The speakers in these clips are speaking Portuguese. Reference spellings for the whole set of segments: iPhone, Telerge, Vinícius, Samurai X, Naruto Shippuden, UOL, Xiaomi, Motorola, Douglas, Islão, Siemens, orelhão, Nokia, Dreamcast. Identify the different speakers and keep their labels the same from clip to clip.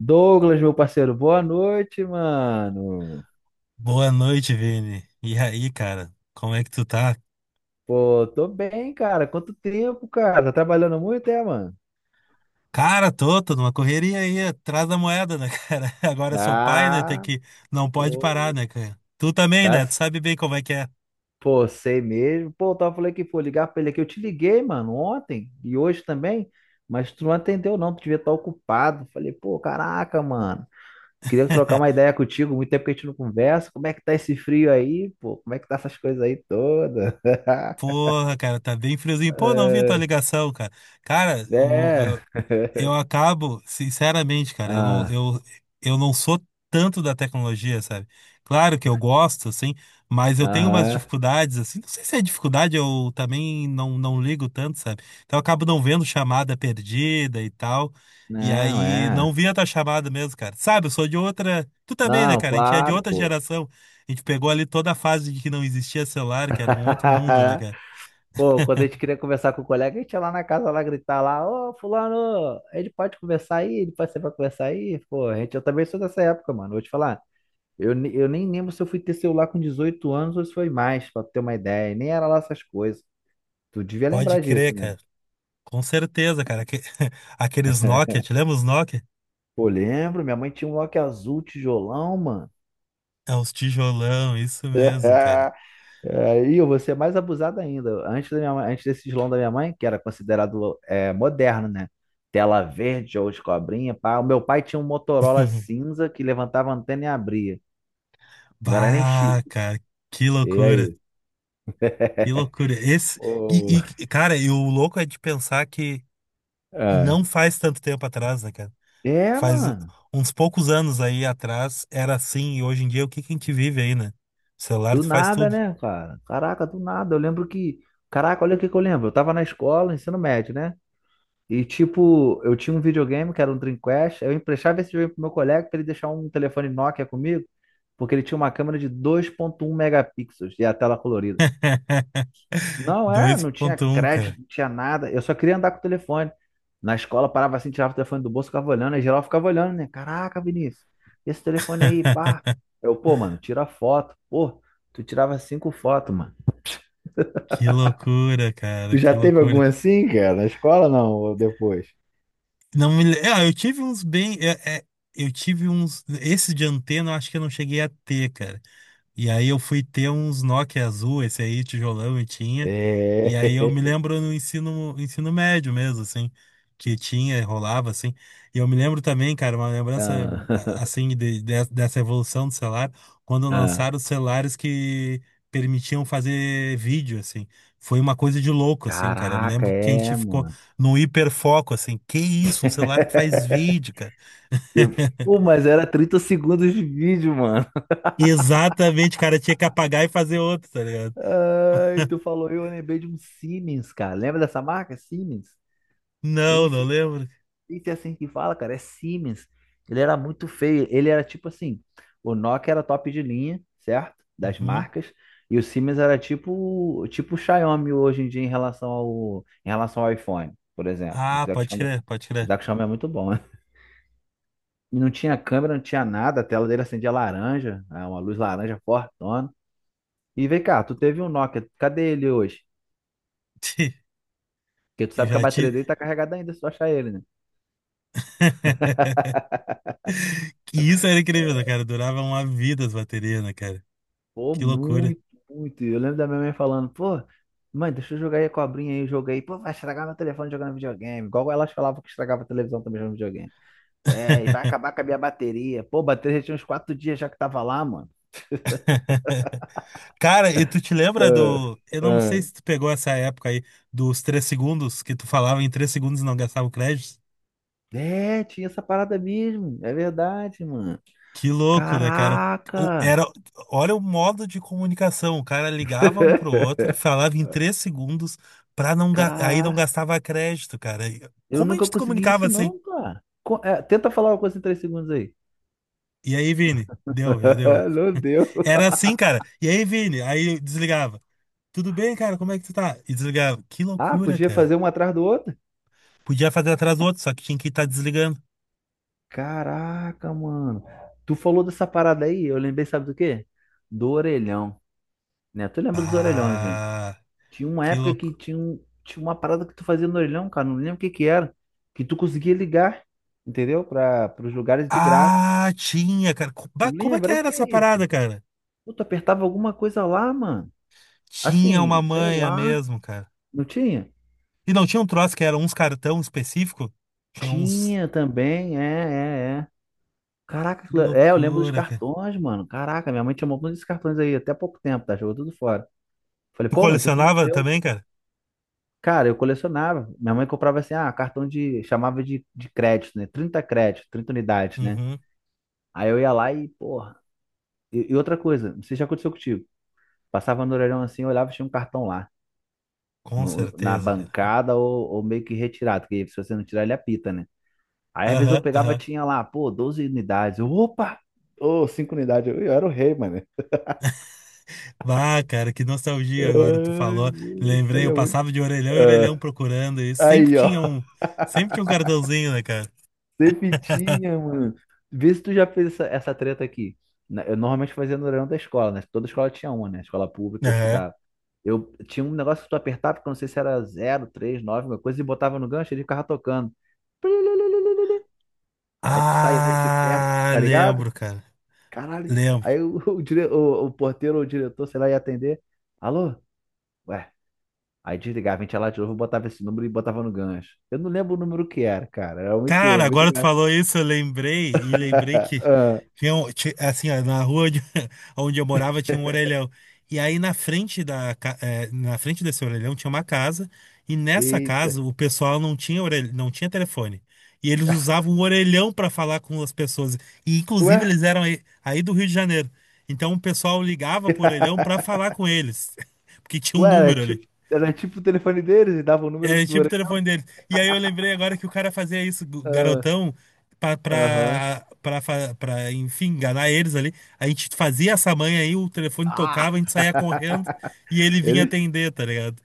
Speaker 1: Douglas, meu parceiro, boa noite, mano.
Speaker 2: Boa noite, Vini. E aí, cara? Como é que tu tá?
Speaker 1: Pô, tô bem, cara. Quanto tempo, cara? Tá trabalhando muito, é, mano?
Speaker 2: Cara, tô numa correria aí, atrás da moeda, né, cara? Agora eu sou pai, né? Tem
Speaker 1: Ah,
Speaker 2: que. Não pode parar,
Speaker 1: pô.
Speaker 2: né, cara? Tu também,
Speaker 1: Tá,
Speaker 2: né? Tu sabe bem como é que é.
Speaker 1: pô, sei mesmo. Pô, eu tava falando que, pô, ligar pra ele aqui. Eu te liguei, mano, ontem e hoje também, mas tu não atendeu, não. Tu devia estar ocupado. Falei, pô, caraca, mano. Queria trocar uma ideia contigo. Muito tempo que a gente não conversa. Como é que tá esse frio aí, pô? Como é que tá essas coisas aí todas?
Speaker 2: Porra, cara, tá bem friozinho. Pô, não vi tua
Speaker 1: É.
Speaker 2: ligação, cara. Cara,
Speaker 1: É.
Speaker 2: o Eu acabo, sinceramente, cara,
Speaker 1: Ah,
Speaker 2: eu não sou tanto da tecnologia, sabe? Claro que eu gosto, assim, mas eu tenho umas
Speaker 1: aham.
Speaker 2: dificuldades, assim, não sei se é dificuldade, eu também não ligo tanto, sabe? Então eu acabo não vendo chamada perdida e tal, e
Speaker 1: Não,
Speaker 2: aí
Speaker 1: é.
Speaker 2: não vi a tua chamada mesmo, cara. Sabe, eu sou de outra, tu também, né,
Speaker 1: Não,
Speaker 2: cara? A gente é de
Speaker 1: claro,
Speaker 2: outra
Speaker 1: pô.
Speaker 2: geração, a gente pegou ali toda a fase de que não existia celular, que era um outro mundo, né, cara?
Speaker 1: Pô, quando a gente queria conversar com o colega, a gente ia lá na casa lá gritar lá, ô, fulano, ele pode conversar aí, ele pode ser pra conversar aí, pô, a gente, eu também sou dessa época, mano, vou te falar, eu nem lembro se eu fui ter celular com 18 anos ou se foi mais, pra ter uma ideia, nem era lá essas coisas, tu devia
Speaker 2: Pode
Speaker 1: lembrar
Speaker 2: crer,
Speaker 1: disso, né?
Speaker 2: cara. Com certeza, cara. Aqueles Nokia, te lembra os Nokia?
Speaker 1: Pô, lembro, minha mãe tinha um Nokia azul, tijolão, mano.
Speaker 2: É os tijolão, isso mesmo, cara.
Speaker 1: Aí eu vou ser mais abusado ainda. Antes da minha mãe, antes desse Islão da minha mãe, que era considerado é, moderno, né? Tela verde ou de cobrinha. Pá. O meu pai tinha um Motorola cinza que levantava a antena e abria. Não era nem chip.
Speaker 2: Bah, cara, que
Speaker 1: E
Speaker 2: loucura,
Speaker 1: aí?
Speaker 2: que loucura. Esse,
Speaker 1: Ô,
Speaker 2: e, cara, e o louco é de pensar que
Speaker 1: é.
Speaker 2: não faz tanto tempo atrás, né, cara?
Speaker 1: É,
Speaker 2: Faz
Speaker 1: mano.
Speaker 2: uns poucos anos aí atrás era assim, e hoje em dia o que que a gente vive aí, né? O celular
Speaker 1: Do
Speaker 2: tu faz
Speaker 1: nada,
Speaker 2: tudo.
Speaker 1: né, cara? Caraca, do nada. Eu lembro que. Caraca, olha o que que eu lembro. Eu tava na escola, ensino médio, né? E, tipo, eu tinha um videogame que era um Dreamcast, eu emprestava esse videogame pro meu colega pra ele deixar um telefone Nokia comigo, porque ele tinha uma câmera de 2,1 megapixels e a tela colorida. Não é,
Speaker 2: dois
Speaker 1: não tinha
Speaker 2: ponto um, cara.
Speaker 1: crédito, não tinha nada, eu só queria andar com o telefone. Na escola parava assim, tirava o telefone do bolso, ficava olhando, aí geral ficava olhando, né? Caraca, Vinícius, esse telefone aí, pá. Eu, pô, mano, tira foto. Pô, tu tirava cinco fotos, mano.
Speaker 2: Que loucura, cara,
Speaker 1: Tu
Speaker 2: que
Speaker 1: já teve algum
Speaker 2: loucura.
Speaker 1: assim, cara? Na escola não, ou depois?
Speaker 2: Não me... le- Ah, eu tive uns bem. Eu tive uns. Esse de antena, eu acho que eu não cheguei a ter, cara. E aí eu fui ter uns Nokia azul, esse aí, tijolão, e tinha. E aí eu me
Speaker 1: É.
Speaker 2: lembro no ensino médio mesmo, assim, que tinha, rolava, assim. E eu me lembro também, cara, uma lembrança,
Speaker 1: Ah.
Speaker 2: assim, dessa evolução do celular, quando
Speaker 1: Ah.
Speaker 2: lançaram os celulares que permitiam fazer vídeo, assim. Foi uma coisa de louco, assim, cara. Eu me
Speaker 1: Caraca,
Speaker 2: lembro que a gente
Speaker 1: é,
Speaker 2: ficou
Speaker 1: mano.
Speaker 2: no hiperfoco, assim. Que isso, um celular que faz vídeo, cara.
Speaker 1: De. Pô, mas era 30 segundos de vídeo, mano.
Speaker 2: Exatamente, cara, tinha que apagar e fazer outro, tá ligado?
Speaker 1: Ai, tu falou, eu lembrei de um Siemens, cara. Lembra dessa marca? Siemens? Nem
Speaker 2: Não, não
Speaker 1: sei,
Speaker 2: lembro.
Speaker 1: nem sei assim que fala, cara. É Siemens. Ele era muito feio. Ele era tipo assim: o Nokia era top de linha, certo? Das
Speaker 2: Uhum.
Speaker 1: marcas. E o Siemens era tipo o Xiaomi hoje em dia em relação ao, iPhone, por exemplo. O
Speaker 2: Ah,
Speaker 1: que
Speaker 2: pode
Speaker 1: chama,
Speaker 2: crer, pode crer.
Speaker 1: o que chama é muito bom, né? E não tinha câmera, não tinha nada, a tela dele acendia laranja, né, uma luz laranja fortona. E vem cá, tu teve um Nokia, cadê ele hoje? Porque tu
Speaker 2: Eu
Speaker 1: sabe que a
Speaker 2: já
Speaker 1: bateria
Speaker 2: tive.
Speaker 1: dele tá carregada ainda, se tu achar ele, né?
Speaker 2: Que isso era incrível, né, cara? Durava uma vida as baterias, né, cara?
Speaker 1: Pô,
Speaker 2: Que loucura.
Speaker 1: muito, muito. Eu lembro da minha mãe falando, pô, mãe, deixa eu jogar aí a cobrinha aí, eu joguei. Pô, vai estragar meu telefone jogando videogame. Igual elas falavam que estragava a televisão também jogando videogame. É, e vai acabar com a minha bateria. Pô, a bateria já tinha uns 4 dias já que tava lá, mano.
Speaker 2: Cara, e tu te lembra
Speaker 1: Ah,
Speaker 2: do. Eu não sei
Speaker 1: ah.
Speaker 2: se tu pegou essa época aí dos 3 segundos, que tu falava em 3 segundos e não gastava o crédito.
Speaker 1: É, tinha essa parada mesmo. É verdade, mano.
Speaker 2: Que louco, né, cara?
Speaker 1: Caraca!
Speaker 2: Era, olha o modo de comunicação. O cara ligava um pro outro, falava em 3 segundos, pra não, ga- aí não
Speaker 1: Caralho,
Speaker 2: gastava crédito, cara. E
Speaker 1: eu
Speaker 2: como a
Speaker 1: nunca
Speaker 2: gente
Speaker 1: consegui
Speaker 2: comunicava
Speaker 1: isso
Speaker 2: assim?
Speaker 1: não, cara. Co- é, tenta falar uma coisa em 3 segundos aí.
Speaker 2: E aí, Vini? Deu, já deu.
Speaker 1: Não deu.
Speaker 2: Era assim, cara. E aí, Vini? Aí eu desligava. Tudo bem, cara? Como é que tu tá? E desligava. Que
Speaker 1: Ah,
Speaker 2: loucura,
Speaker 1: podia
Speaker 2: cara.
Speaker 1: fazer um atrás do outro?
Speaker 2: Podia fazer atrás do outro, só que tinha que estar desligando.
Speaker 1: Caraca, mano. Tu falou dessa parada aí, eu lembrei, sabe do quê? Do orelhão, né? Tu lembra dos orelhões, né?
Speaker 2: Ah,
Speaker 1: Tinha uma
Speaker 2: que
Speaker 1: época que
Speaker 2: louco.
Speaker 1: tinha, um, tinha uma parada que tu fazia no orelhão, cara, não lembro o que que era, que tu conseguia ligar, entendeu? Para os lugares de graça.
Speaker 2: Ah, tinha, cara.
Speaker 1: Tu
Speaker 2: Bah, como é
Speaker 1: lembra?
Speaker 2: que
Speaker 1: Era. O
Speaker 2: era
Speaker 1: que
Speaker 2: essa
Speaker 1: é
Speaker 2: parada,
Speaker 1: isso?
Speaker 2: cara?
Speaker 1: Pô, tu apertava alguma coisa lá, mano.
Speaker 2: Tinha uma
Speaker 1: Assim, sei
Speaker 2: manha
Speaker 1: lá.
Speaker 2: mesmo, cara.
Speaker 1: Não tinha?
Speaker 2: E não tinha um troço que era uns cartão específico? Tinha uns.
Speaker 1: Tinha também, é, é, é. Caraca,
Speaker 2: Que
Speaker 1: aquilo, é, eu lembro dos
Speaker 2: loucura, cara.
Speaker 1: cartões, mano. Caraca, minha mãe tinha um montão desses cartões aí, até há pouco tempo, tá? Jogou tudo fora. Falei,
Speaker 2: Tu
Speaker 1: pô, mas que tu não me
Speaker 2: colecionava
Speaker 1: deu?
Speaker 2: também, cara?
Speaker 1: Cara, eu colecionava. Minha mãe comprava assim, ah, cartão de, chamava de crédito, né? 30 créditos, 30 unidades, né?
Speaker 2: Uhum.
Speaker 1: Aí eu ia lá e, porra. E outra coisa, não sei se já aconteceu contigo. Passava no orelhão assim, eu olhava e tinha um cartão lá,
Speaker 2: Com
Speaker 1: na
Speaker 2: certeza, cara.
Speaker 1: bancada ou meio que retirado, porque se você não tirar, ele apita, né? Aí às vezes eu
Speaker 2: Aham,
Speaker 1: pegava,
Speaker 2: aham.
Speaker 1: tinha lá, pô, 12 unidades. Eu, opa! Ô, 5 unidades. Eu era o rei, mano.
Speaker 2: Ah, cara, que nostalgia agora tu
Speaker 1: Ai,
Speaker 2: falou.
Speaker 1: isso
Speaker 2: Lembrei,
Speaker 1: aí
Speaker 2: eu
Speaker 1: é muito.
Speaker 2: passava de orelhão em orelhão procurando e
Speaker 1: Ah,
Speaker 2: sempre
Speaker 1: aí, ó.
Speaker 2: tinha um. Sempre tinha um cartãozinho, né, cara?
Speaker 1: Sempre tinha, mano. Vê se tu já fez essa treta aqui. Eu normalmente fazia no horário da escola, né? Toda escola tinha uma, né? Escola pública que eu
Speaker 2: Aham.
Speaker 1: estudava. Eu tinha um negócio que tu apertava, porque eu não sei se era 0, 3, 9, alguma coisa, e botava no gancho, ele ficava tocando. Aí tu saía de perto,
Speaker 2: Ah,
Speaker 1: tá ligado?
Speaker 2: lembro, cara.
Speaker 1: Caralho.
Speaker 2: Lembro.
Speaker 1: Aí o, o porteiro ou o diretor, sei lá, ia atender. Alô? Ué. Aí desligava, a gente ia lá de novo, botava esse número e botava no gancho. Eu não lembro o número que era, cara. Era muito,
Speaker 2: Cara,
Speaker 1: muito
Speaker 2: agora tu
Speaker 1: engraçado.
Speaker 2: falou isso, eu lembrei, e lembrei que
Speaker 1: Ah.
Speaker 2: tinha, assim, ó, na rua onde, onde eu morava tinha um orelhão. E aí na frente da, na frente desse orelhão tinha uma casa, e nessa
Speaker 1: Eita.
Speaker 2: casa o pessoal não tinha orelha, não tinha telefone. E eles usavam o orelhão para falar com as pessoas. E inclusive
Speaker 1: Ué?
Speaker 2: eles eram aí do Rio de Janeiro. Então o pessoal ligava pro orelhão para falar com eles, porque tinha um
Speaker 1: Ué,
Speaker 2: número ali.
Speaker 1: era tipo o telefone deles e dava o número
Speaker 2: É
Speaker 1: do
Speaker 2: tipo o
Speaker 1: orelha.
Speaker 2: telefone dele. E aí eu lembrei agora que o cara fazia isso,
Speaker 1: Ah.
Speaker 2: garotão, pra,
Speaker 1: Aham.
Speaker 2: pra, pra, fa- pra, enfim, enganar eles ali. A gente fazia essa manha aí, o telefone
Speaker 1: Ah,
Speaker 2: tocava, a gente saía correndo e ele vinha
Speaker 1: ele.
Speaker 2: atender, tá ligado?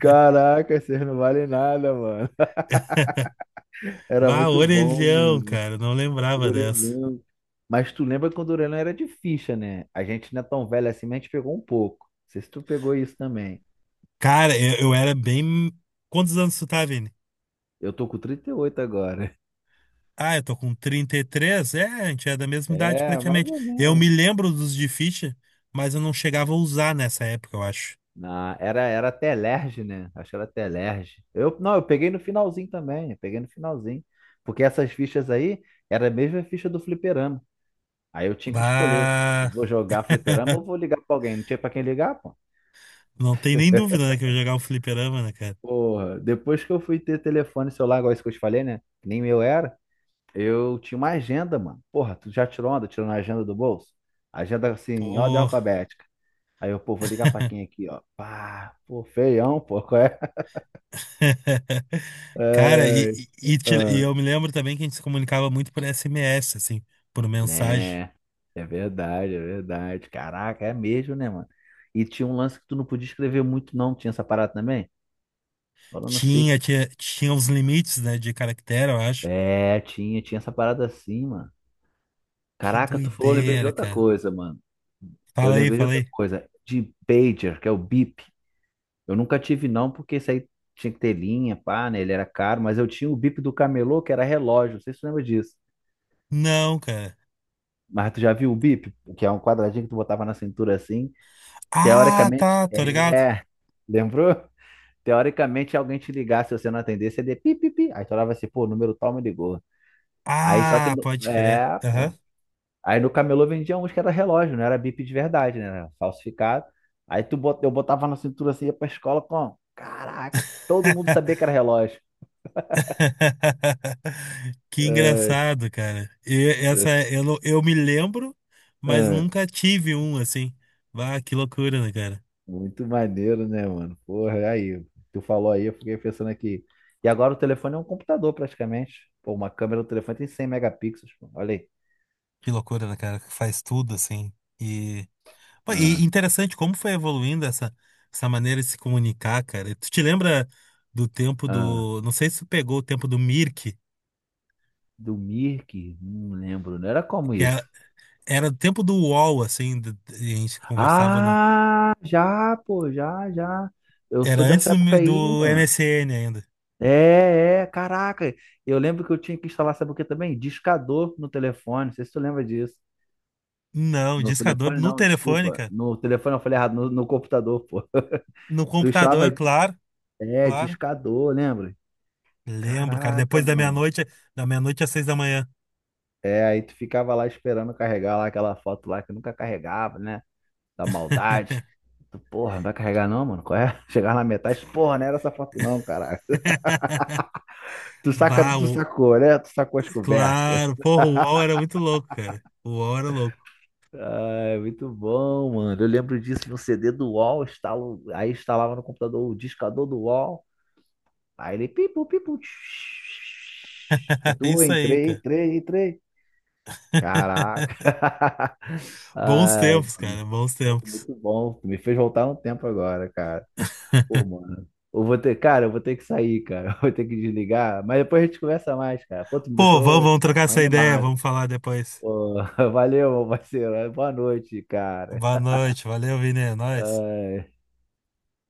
Speaker 1: Caraca, vocês não valem nada, mano. Era
Speaker 2: Bah
Speaker 1: muito bom, né,
Speaker 2: orelhão,
Speaker 1: mano?
Speaker 2: cara, não lembrava dessa.
Speaker 1: Orelhão. Mas tu lembra quando o orelhão era de ficha, né? A gente não é tão velho assim, mas a gente pegou um pouco. Não sei se tu pegou isso também.
Speaker 2: Cara, eu era bem. Quantos anos tu tá, Vini?
Speaker 1: Eu tô com 38 agora.
Speaker 2: Ah, eu tô com 33. É, a gente é da mesma idade
Speaker 1: É, mais
Speaker 2: praticamente.
Speaker 1: ou
Speaker 2: Eu
Speaker 1: menos.
Speaker 2: me lembro dos de ficha, mas eu não chegava a usar nessa época, eu acho.
Speaker 1: Não, era, era Telerge, né? Acho que era Telerge. Eu, não, eu peguei no finalzinho também. Eu peguei no finalzinho. Porque essas fichas aí era a mesma ficha do fliperama. Aí eu tinha que escolher. Eu
Speaker 2: Bah.
Speaker 1: vou jogar fliperama ou vou ligar pra alguém? Não tinha pra quem ligar, pô.
Speaker 2: Não tem nem dúvida, né, que eu ia jogar um fliperama, né, cara?
Speaker 1: Porra, depois que eu fui ter telefone celular, igual isso que eu te falei, né? Que nem meu era. Eu tinha uma agenda, mano. Porra, tu já tirou onda? Tirou na agenda do bolso? Agenda assim, em ordem
Speaker 2: Pô.
Speaker 1: alfabética. Aí eu, pô, vou ligar pra quem aqui, ó. Pá, pô, feião, pô, qual é?
Speaker 2: Cara, e,
Speaker 1: Ai,
Speaker 2: e, e te- e
Speaker 1: ah.
Speaker 2: eu me lembro também que a gente se comunicava muito por SMS, assim, por mensagem.
Speaker 1: Né, é verdade, é verdade. Caraca, é mesmo, né, mano? E tinha um lance que tu não podia escrever muito, não. Tinha essa parada também? Agora eu não sei.
Speaker 2: Tinha,
Speaker 1: Que se-
Speaker 2: tinha, tinha os limites, né, de caractere, eu acho.
Speaker 1: É, tinha essa parada assim, mano.
Speaker 2: Que
Speaker 1: Caraca, tu falou, eu lembrei de
Speaker 2: doideira,
Speaker 1: outra
Speaker 2: cara.
Speaker 1: coisa, mano. Eu
Speaker 2: Fala aí,
Speaker 1: lembrei de
Speaker 2: fala
Speaker 1: outra
Speaker 2: aí.
Speaker 1: coisa. De pager, que é o bip. Eu nunca tive não, porque isso aí tinha que ter linha, pá, né? Ele era caro, mas eu tinha o bip do camelô, que era relógio, não sei se você lembra disso.
Speaker 2: Não, cara.
Speaker 1: Mas tu já viu o bip, que é um quadradinho que tu botava na cintura assim,
Speaker 2: Ah,
Speaker 1: teoricamente,
Speaker 2: tá, tô ligado.
Speaker 1: é, lembrou? Teoricamente, alguém te ligasse, se você não atendesse, você ia pi, pi, pi. Aí tu olhava assim, pô, o número tal me ligou. Aí só que,
Speaker 2: Ah, pode crer.
Speaker 1: é,
Speaker 2: Aham.
Speaker 1: pô. Aí no camelô vendia uns que era relógio, não era bip de verdade, né? Era falsificado. Aí tu bot, eu botava na cintura assim, ia pra escola com, caraca, todo mundo sabia que era relógio.
Speaker 2: Que engraçado, cara. E essa
Speaker 1: É.
Speaker 2: eu, eu me lembro, mas
Speaker 1: Ah,
Speaker 2: nunca tive um assim. Ah, que loucura, né, cara?
Speaker 1: muito maneiro, né, mano? Porra, aí, tu falou aí, eu fiquei pensando aqui. E agora o telefone é um computador, praticamente. Pô, uma câmera do telefone tem 100 megapixels, pô. Olha aí.
Speaker 2: Que loucura, né, cara? Que faz tudo assim. E, Pô, e
Speaker 1: Ah,
Speaker 2: interessante como foi evoluindo essa maneira de se comunicar, cara. Tu te lembra do tempo
Speaker 1: ah.
Speaker 2: do. Não sei se tu pegou o tempo do Mirk,
Speaker 1: Do Mirk? Não lembro, não era como
Speaker 2: que
Speaker 1: isso.
Speaker 2: era o tempo do UOL, assim, e a gente conversava no.
Speaker 1: Ah, já, pô, já, já. Eu
Speaker 2: Era
Speaker 1: sou
Speaker 2: antes
Speaker 1: dessa época aí,
Speaker 2: do
Speaker 1: mano.
Speaker 2: MSN ainda.
Speaker 1: É, é, caraca. Eu lembro que eu tinha que instalar, sabe o que também? Discador no telefone. Não sei se tu lembra disso.
Speaker 2: Não,
Speaker 1: No
Speaker 2: discador
Speaker 1: telefone,
Speaker 2: no
Speaker 1: não,
Speaker 2: telefone.
Speaker 1: desculpa. No telefone eu falei errado, no computador, pô.
Speaker 2: No
Speaker 1: Tu estava,
Speaker 2: computador, claro,
Speaker 1: é,
Speaker 2: claro.
Speaker 1: discador, lembra?
Speaker 2: Lembro, cara.
Speaker 1: Caraca,
Speaker 2: Depois
Speaker 1: mano.
Speaker 2: da meia-noite às 6 da manhã.
Speaker 1: É, aí tu ficava lá esperando carregar lá aquela foto lá que nunca carregava, né? Da maldade. Tu, porra, não vai carregar não, mano? Qual é? Chegar na metade, porra, não era essa foto não, caralho. Tu saca,
Speaker 2: Bah,
Speaker 1: tu sacou, né? Tu sacou as conversas.
Speaker 2: claro. Porra, o UOL era muito louco, cara. O UOL era louco.
Speaker 1: Ah, é muito bom, mano. Eu lembro disso no CD do UOL, instalo, aí instalava no computador o discador do UOL, aí ele pipu, pipu, tch. Eu tô,
Speaker 2: Isso aí,
Speaker 1: entrei,
Speaker 2: cara.
Speaker 1: entrei, entrei. Caraca.
Speaker 2: Bons
Speaker 1: Ai,
Speaker 2: tempos, cara. Bons
Speaker 1: pô,
Speaker 2: tempos.
Speaker 1: muito bom. Me fez voltar um tempo agora, cara. Pô, mano. Eu vou ter, cara, eu vou ter que sair, cara. Eu vou ter que desligar. Mas depois a gente conversa mais, cara. Pô, tu me
Speaker 2: Pô, vamos,
Speaker 1: deixou
Speaker 2: vamos trocar
Speaker 1: pô,
Speaker 2: essa ideia.
Speaker 1: animado.
Speaker 2: Vamos falar depois.
Speaker 1: Pô, valeu, meu parceiro. Boa noite, cara.
Speaker 2: Boa noite. Valeu, Vini. É nóis.
Speaker 1: Ai.